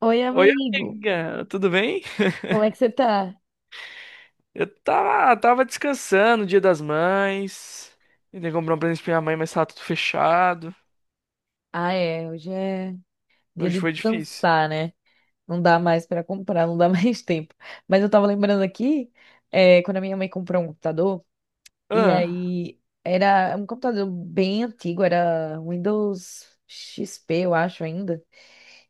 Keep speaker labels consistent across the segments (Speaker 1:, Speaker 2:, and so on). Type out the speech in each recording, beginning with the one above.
Speaker 1: Oi,
Speaker 2: Oi,
Speaker 1: amigo.
Speaker 2: amiga, tudo bem?
Speaker 1: Como é que você tá?
Speaker 2: Eu tava descansando, Dia das Mães. Tentei comprar um presente pra minha mãe, mas tava tudo fechado.
Speaker 1: Ah, é. Hoje é dia
Speaker 2: Hoje
Speaker 1: de
Speaker 2: foi difícil.
Speaker 1: descansar, né? Não dá mais pra comprar, não dá mais tempo. Mas eu tava lembrando aqui, quando a minha mãe comprou um computador, e
Speaker 2: Ah,
Speaker 1: aí era um computador bem antigo, era Windows XP, eu acho ainda.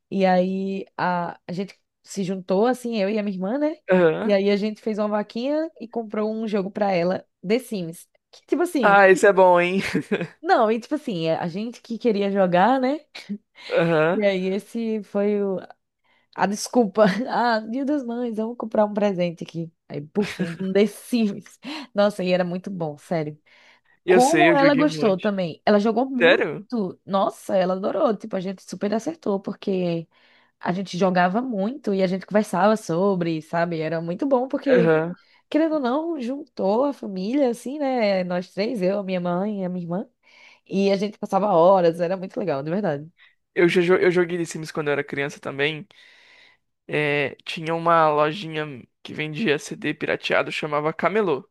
Speaker 1: E aí a gente se juntou, assim, eu e a minha irmã, né? E
Speaker 2: aham.
Speaker 1: aí a gente fez uma vaquinha e comprou um jogo pra ela, The Sims. Que, tipo assim.
Speaker 2: Ah, esse é bom, hein?
Speaker 1: Não, e tipo assim, a gente que queria jogar, né? E
Speaker 2: Aham.
Speaker 1: aí, a desculpa. Ah, Dia das Mães, vamos comprar um presente aqui. Aí, puf, um The Sims. Nossa, e era muito bom, sério.
Speaker 2: Eu sei,
Speaker 1: Como
Speaker 2: eu
Speaker 1: ela
Speaker 2: joguei um
Speaker 1: gostou
Speaker 2: monte.
Speaker 1: também. Ela jogou muito.
Speaker 2: Sério?
Speaker 1: Nossa, ela adorou. Tipo, a gente super acertou, porque a gente jogava muito e a gente conversava sobre, sabe? Era muito bom, porque,
Speaker 2: Aham.
Speaker 1: querendo ou não, juntou a família, assim, né? Nós três, eu, a minha mãe e a minha irmã. E a gente passava horas, era muito legal, de verdade.
Speaker 2: Eu joguei The Sims quando eu era criança também. É, tinha uma lojinha que vendia CD pirateado, chamava Camelô.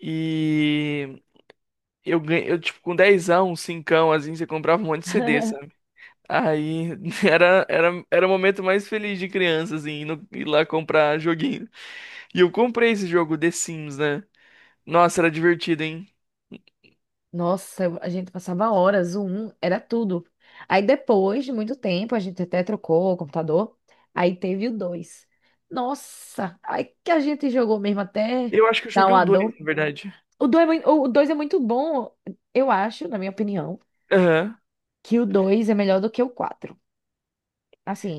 Speaker 2: E eu ganhei, eu, tipo, com dezão, anos, assim, você comprava um monte de CD. Aí era o momento mais feliz de criança, assim, ir, no- ir lá comprar joguinho. E eu comprei esse jogo The Sims, né? Nossa, era divertido, hein?
Speaker 1: Nossa, a gente passava horas, o um era tudo. Aí depois de muito tempo, a gente até trocou o computador, aí teve o dois. Nossa, aí que a gente jogou mesmo até
Speaker 2: Eu acho que eu
Speaker 1: dar
Speaker 2: joguei o
Speaker 1: uma
Speaker 2: 2,
Speaker 1: dor.
Speaker 2: na verdade.
Speaker 1: O dois é muito bom, eu acho, na minha opinião,
Speaker 2: Aham.
Speaker 1: que o dois é melhor do que o quatro.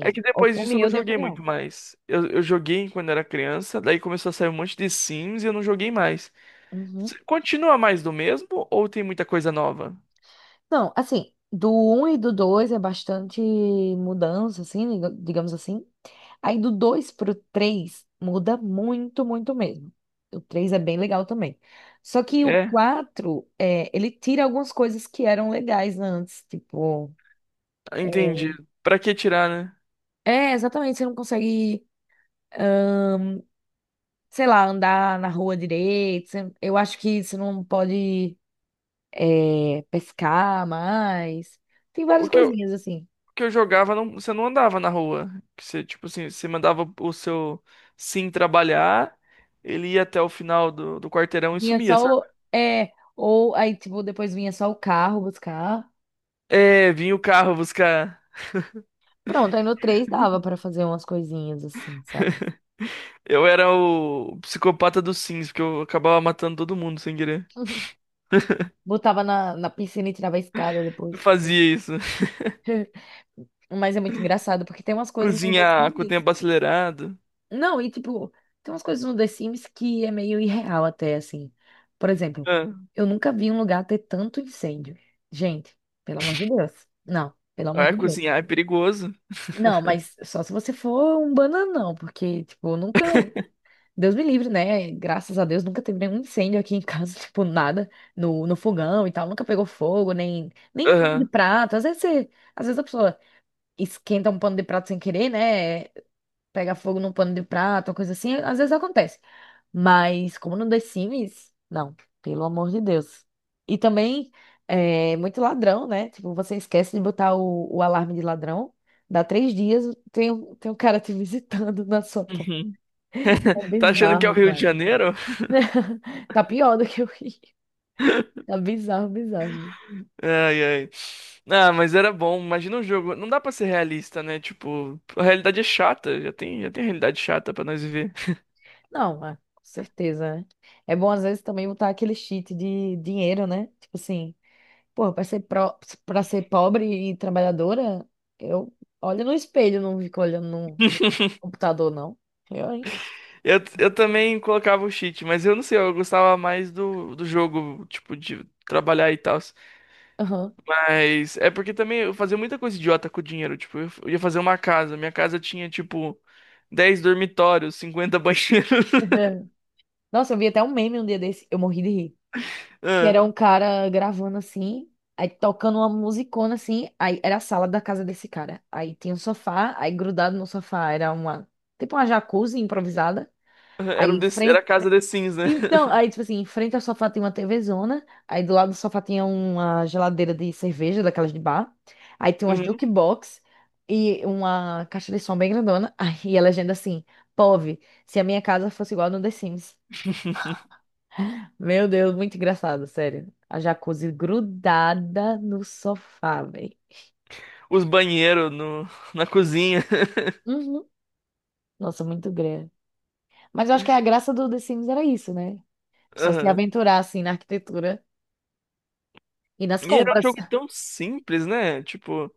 Speaker 2: É que depois disso eu não
Speaker 1: humilde
Speaker 2: joguei
Speaker 1: opinião.
Speaker 2: muito mais. Eu joguei quando era criança, daí começou a sair um monte de Sims e eu não joguei mais. Continua mais do mesmo ou tem muita coisa nova?
Speaker 1: Não, assim, do um e do 2 é bastante mudança, assim, digamos assim. Aí do 2 pro 3 muda muito, muito mesmo. O 3 é bem legal também. Só que o
Speaker 2: É,
Speaker 1: 4 é, ele tira algumas coisas que eram legais antes, tipo.
Speaker 2: entendi. Pra que tirar, né?
Speaker 1: É, exatamente, você não consegue, sei lá, andar na rua direito. Eu acho que você não pode, pescar mais. Tem
Speaker 2: O
Speaker 1: várias
Speaker 2: que eu-
Speaker 1: coisinhas, assim.
Speaker 2: que eu jogava, não, você não andava na rua. Que você, tipo assim, você mandava o seu Sim trabalhar, ele ia até o final do quarteirão e
Speaker 1: Vinha
Speaker 2: sumia,
Speaker 1: só
Speaker 2: sabe?
Speaker 1: o. É, ou aí, tipo, depois vinha só o carro buscar.
Speaker 2: É, vinha o carro buscar.
Speaker 1: Pronto, aí no 3 dava pra fazer umas coisinhas assim, sabe?
Speaker 2: Eu era o psicopata dos Sims, porque eu acabava matando todo mundo sem querer.
Speaker 1: Botava na piscina e tirava a escada
Speaker 2: Eu
Speaker 1: depois.
Speaker 2: fazia isso.
Speaker 1: Mas é muito engraçado, porque tem umas coisas no The
Speaker 2: Cozinhar com o
Speaker 1: Sims.
Speaker 2: tempo acelerado.
Speaker 1: Não, e tipo, tem umas coisas no The Sims que é meio irreal até, assim. Por exemplo,
Speaker 2: Ah,
Speaker 1: eu nunca vi um lugar ter tanto incêndio. Gente, pelo amor de Deus. Não, pelo amor
Speaker 2: é,
Speaker 1: de Deus.
Speaker 2: cozinhar é perigoso.
Speaker 1: Não, mas só se você for um bananão, porque, tipo, nunca. Deus me livre, né? Graças a Deus nunca teve nenhum incêndio aqui em casa, tipo, nada no fogão e tal, nunca pegou fogo, nem pano de
Speaker 2: Aham.
Speaker 1: prato. Às vezes você, às vezes a pessoa esquenta um pano de prato sem querer, né? Pega fogo num pano de prato, uma coisa assim, às vezes acontece. Mas como no The Sims, não, pelo amor de Deus. E também é muito ladrão, né? Tipo, você esquece de botar o alarme de ladrão, dá 3 dias, tem um cara te visitando na sua porta.
Speaker 2: Uhum.
Speaker 1: É
Speaker 2: Tá achando que é o
Speaker 1: bizarro,
Speaker 2: Rio de
Speaker 1: cara.
Speaker 2: Janeiro?
Speaker 1: Tá pior do que o Rio. Tá bizarro, bizarro.
Speaker 2: Ai, ai. Ah, mas era bom. Imagina um jogo. Não dá pra ser realista, né? Tipo, a realidade é chata. Já tem realidade chata pra nós viver.
Speaker 1: Não, é, com certeza, né? É bom, às vezes, também botar aquele cheat de dinheiro, né? Tipo assim, porra, pra ser, pro... pra ser pobre e trabalhadora, eu olho no espelho, não fico olhando no computador, não. Eu, hein?
Speaker 2: Eu também colocava o cheat, mas eu não sei. Eu gostava mais do jogo, tipo, de trabalhar e tal.
Speaker 1: Aham.
Speaker 2: Mas é porque também eu fazia muita coisa idiota com o dinheiro. Tipo, eu ia fazer uma casa. Minha casa tinha, tipo, 10 dormitórios, 50 banheiros.
Speaker 1: Nossa, eu vi até um meme um dia desse, eu morri de rir. Que era
Speaker 2: Ah,
Speaker 1: um cara gravando assim, aí tocando uma musicona assim, aí era a sala da casa desse cara. Aí tinha um sofá, aí grudado no sofá era uma, tipo uma jacuzzi improvisada. Aí
Speaker 2: Era, o
Speaker 1: em
Speaker 2: The- era a
Speaker 1: frente,
Speaker 2: casa The Sims, né?
Speaker 1: então, aí tipo assim, em frente ao sofá tinha uma TVzona, aí do lado do sofá tinha uma geladeira de cerveja, daquelas de bar. Aí tinha umas
Speaker 2: Uhum.
Speaker 1: jukebox e uma caixa de som bem grandona. Aí a legenda assim, POV, se a minha casa fosse igual a no The Sims. Meu Deus, muito engraçado, sério. A jacuzzi grudada no sofá, velho.
Speaker 2: Os banheiros no, na cozinha.
Speaker 1: Uhum. Nossa, muito grande. Mas eu acho que a graça do The Sims era isso, né? A pessoa se
Speaker 2: Aham.
Speaker 1: aventurar, assim, na arquitetura e nas
Speaker 2: E era um
Speaker 1: compras.
Speaker 2: jogo tão simples, né? Tipo,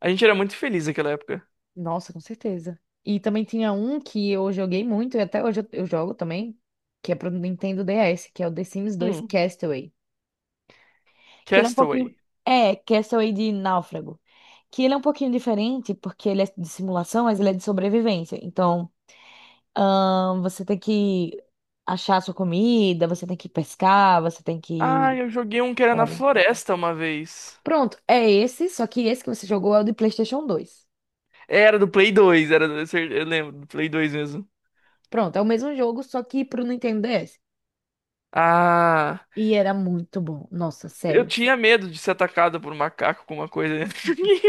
Speaker 2: a gente era muito feliz naquela época.
Speaker 1: Nossa, com certeza. E também tinha um que eu joguei muito, e até hoje eu jogo também, que é pro Nintendo DS, que é o The Sims 2
Speaker 2: Hum,
Speaker 1: Castaway. Que ele é um pouquinho...
Speaker 2: Castaway.
Speaker 1: É, Castaway de Náufrago. Que ele é um pouquinho diferente, porque ele é de simulação, mas ele é de sobrevivência. Então... você tem que achar a sua comida, você tem que pescar, você tem
Speaker 2: Ah,
Speaker 1: que.
Speaker 2: eu joguei um que era na
Speaker 1: Sabe?
Speaker 2: floresta uma vez.
Speaker 1: Pronto, é esse, só que esse que você jogou é o de PlayStation 2.
Speaker 2: Era do Play 2, era do, eu lembro, do Play 2 mesmo.
Speaker 1: Pronto, é o mesmo jogo, só que pro Nintendo DS.
Speaker 2: Ah,
Speaker 1: E era muito bom, nossa,
Speaker 2: eu
Speaker 1: sério.
Speaker 2: tinha medo de ser atacado por um macaco com uma coisa dentro de mim.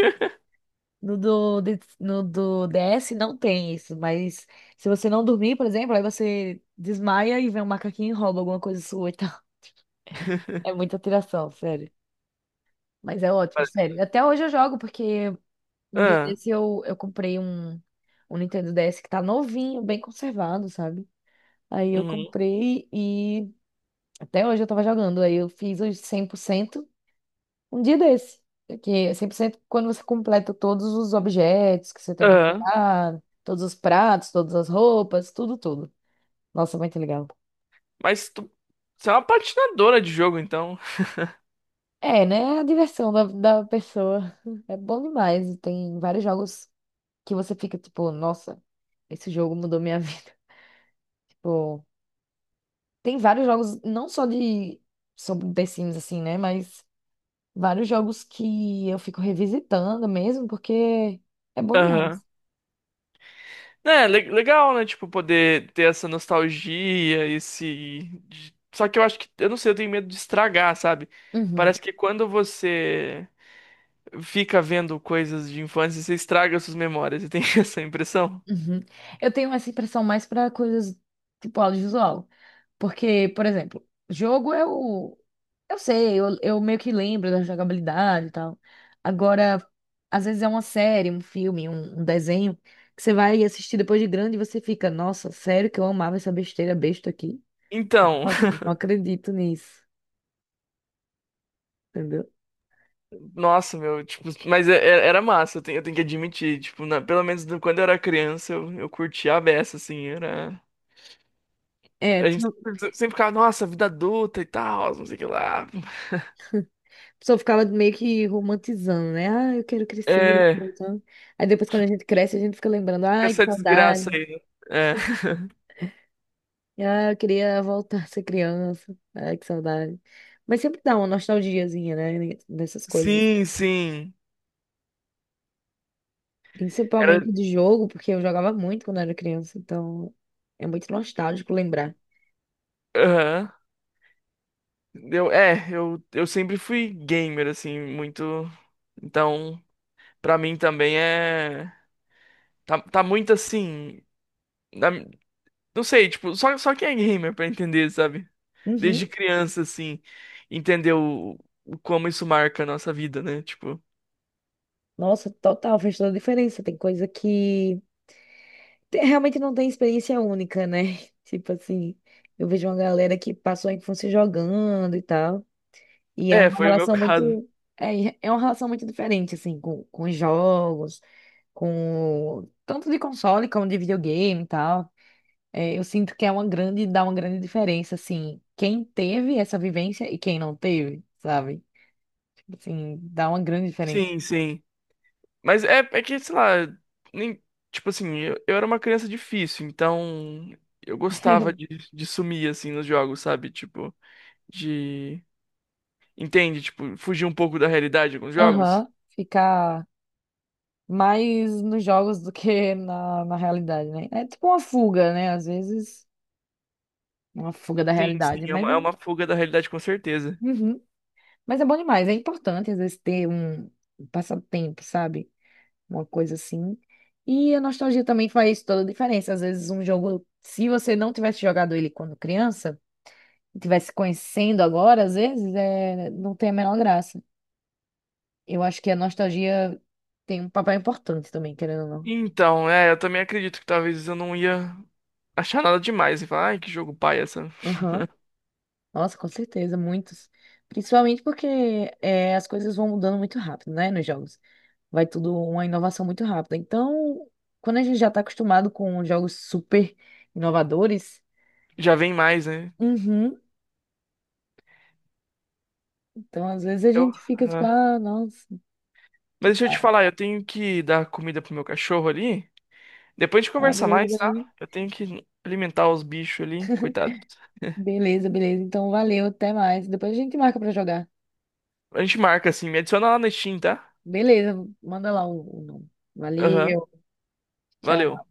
Speaker 1: No do DS não tem isso, mas se você não dormir, por exemplo, aí você desmaia e vem um macaquinho e rouba alguma coisa sua e tal. É muita tiração, sério. Mas é ótimo, sério. Até hoje eu jogo, porque um dia
Speaker 2: Ah,
Speaker 1: desse eu comprei um Nintendo DS que tá novinho, bem conservado, sabe? Aí eu
Speaker 2: uhum,
Speaker 1: comprei e até hoje eu tava jogando. Aí eu fiz os 100% um dia desse. Que é 100% quando você completa todos os objetos que você tem que
Speaker 2: ah.
Speaker 1: achar, todos os pratos, todas as roupas, tudo, tudo. Nossa, muito legal.
Speaker 2: Mas você é uma patinadora de jogo, então.
Speaker 1: É, né? A diversão da pessoa é bom demais. E tem vários jogos que você fica tipo, nossa, esse jogo mudou minha vida. Tipo. Tem vários jogos, não só de sobre The Sims, assim, né? Mas vários jogos que eu fico revisitando mesmo, porque é bom demais.
Speaker 2: É, legal, né? Tipo, poder ter essa nostalgia, esse. Só que eu acho que, eu não sei, eu tenho medo de estragar, sabe?
Speaker 1: Uhum,
Speaker 2: Parece que quando você fica vendo coisas de infância, você estraga suas memórias. Você tem essa impressão?
Speaker 1: uhum. Eu tenho essa impressão mais para coisas tipo audiovisual. Porque, por exemplo, jogo eu sei, eu meio que lembro da jogabilidade e tal. Agora, às vezes é uma série, um filme, um desenho, que você vai assistir depois de grande e você fica, nossa, sério que eu amava essa besteira besta aqui.
Speaker 2: Então,
Speaker 1: Nossa, não acredito nisso, entendeu?
Speaker 2: nossa, meu, tipo, mas era massa, eu tenho que admitir, tipo, pelo menos quando eu era criança, eu curtia a beça, assim, era.
Speaker 1: É,
Speaker 2: A gente
Speaker 1: tinha... a
Speaker 2: sempre sempre ficava, nossa, vida adulta e tal, não sei o que lá.
Speaker 1: pessoa ficava meio que romantizando, né? Ah, eu quero crescer.
Speaker 2: É,
Speaker 1: Então, aí depois, quando a gente cresce, a gente fica lembrando,
Speaker 2: com
Speaker 1: ai, que
Speaker 2: essa desgraça
Speaker 1: saudade.
Speaker 2: aí, né? É.
Speaker 1: Ah, eu queria voltar a ser criança. Ai, que saudade. Mas sempre dá uma nostalgiazinha, né? Dessas coisas.
Speaker 2: Sim, sim. Era.
Speaker 1: Principalmente de jogo, porque eu jogava muito quando era criança, então é muito nostálgico lembrar.
Speaker 2: Aham. Eu sempre fui gamer, assim, muito. Então, pra mim também é. Tá, tá muito assim. na- Não sei, tipo, só quem é gamer pra entender, sabe?
Speaker 1: Uhum.
Speaker 2: Desde criança, assim, entender o como isso marca a nossa vida, né? Tipo.
Speaker 1: Nossa, total, fez toda a diferença. Tem coisa que realmente não tem experiência única, né? Tipo assim, eu vejo uma galera que passou a infância jogando e tal. E é
Speaker 2: É,
Speaker 1: uma
Speaker 2: foi o meu
Speaker 1: relação
Speaker 2: caso.
Speaker 1: muito. É, é uma relação muito diferente, assim, com os jogos, com. Tanto de console como de videogame e tal. É, eu sinto que é uma grande, dá uma grande diferença, assim, quem teve essa vivência e quem não teve, sabe? Tipo assim, dá uma grande diferença.
Speaker 2: Sim, sim. Mas é que, sei lá, nem, tipo assim, eu era uma criança difícil, então eu gostava de sumir, assim, nos jogos, sabe? Tipo, de. Entende? Tipo, fugir um pouco da realidade com os jogos?
Speaker 1: Aham, ficar mais nos jogos do que na realidade, né? É tipo uma fuga, né? Às vezes, uma fuga da
Speaker 2: Sim, sim,
Speaker 1: realidade,
Speaker 2: é
Speaker 1: mas é,
Speaker 2: uma, é uma fuga da realidade, com certeza.
Speaker 1: uhum. Mas é bom demais. É importante, às vezes, ter um passatempo, sabe? Uma coisa assim. E a nostalgia também faz toda a diferença. Às vezes, um jogo, se você não tivesse jogado ele quando criança, e tivesse conhecendo agora, às vezes, não tem a menor graça. Eu acho que a nostalgia tem um papel importante também, querendo ou não.
Speaker 2: Então, é, eu também acredito que talvez eu não ia achar nada demais e falar, ai, que jogo pai essa.
Speaker 1: Aham. Nossa, com certeza, muitos. Principalmente porque é, as coisas vão mudando muito rápido, né, nos jogos. Vai tudo uma inovação muito rápida. Então, quando a gente já tá acostumado com jogos super inovadores,
Speaker 2: Já vem mais, né?
Speaker 1: uhum, então às vezes a
Speaker 2: Eu.
Speaker 1: gente fica tipo,
Speaker 2: Ah.
Speaker 1: ah, nossa, que
Speaker 2: Mas deixa eu te
Speaker 1: pai.
Speaker 2: falar, eu tenho que dar comida pro meu cachorro ali. Depois a gente
Speaker 1: Ah,
Speaker 2: conversa
Speaker 1: beleza,
Speaker 2: mais, tá?
Speaker 1: beleza.
Speaker 2: Eu tenho que alimentar os bichos ali, coitado.
Speaker 1: Beleza, beleza. Então, valeu, até mais. Depois a gente marca pra jogar.
Speaker 2: A gente marca assim, me adiciona lá no Steam, tá?
Speaker 1: Beleza, manda lá o nome.
Speaker 2: Aham,
Speaker 1: Valeu, tchau.
Speaker 2: valeu.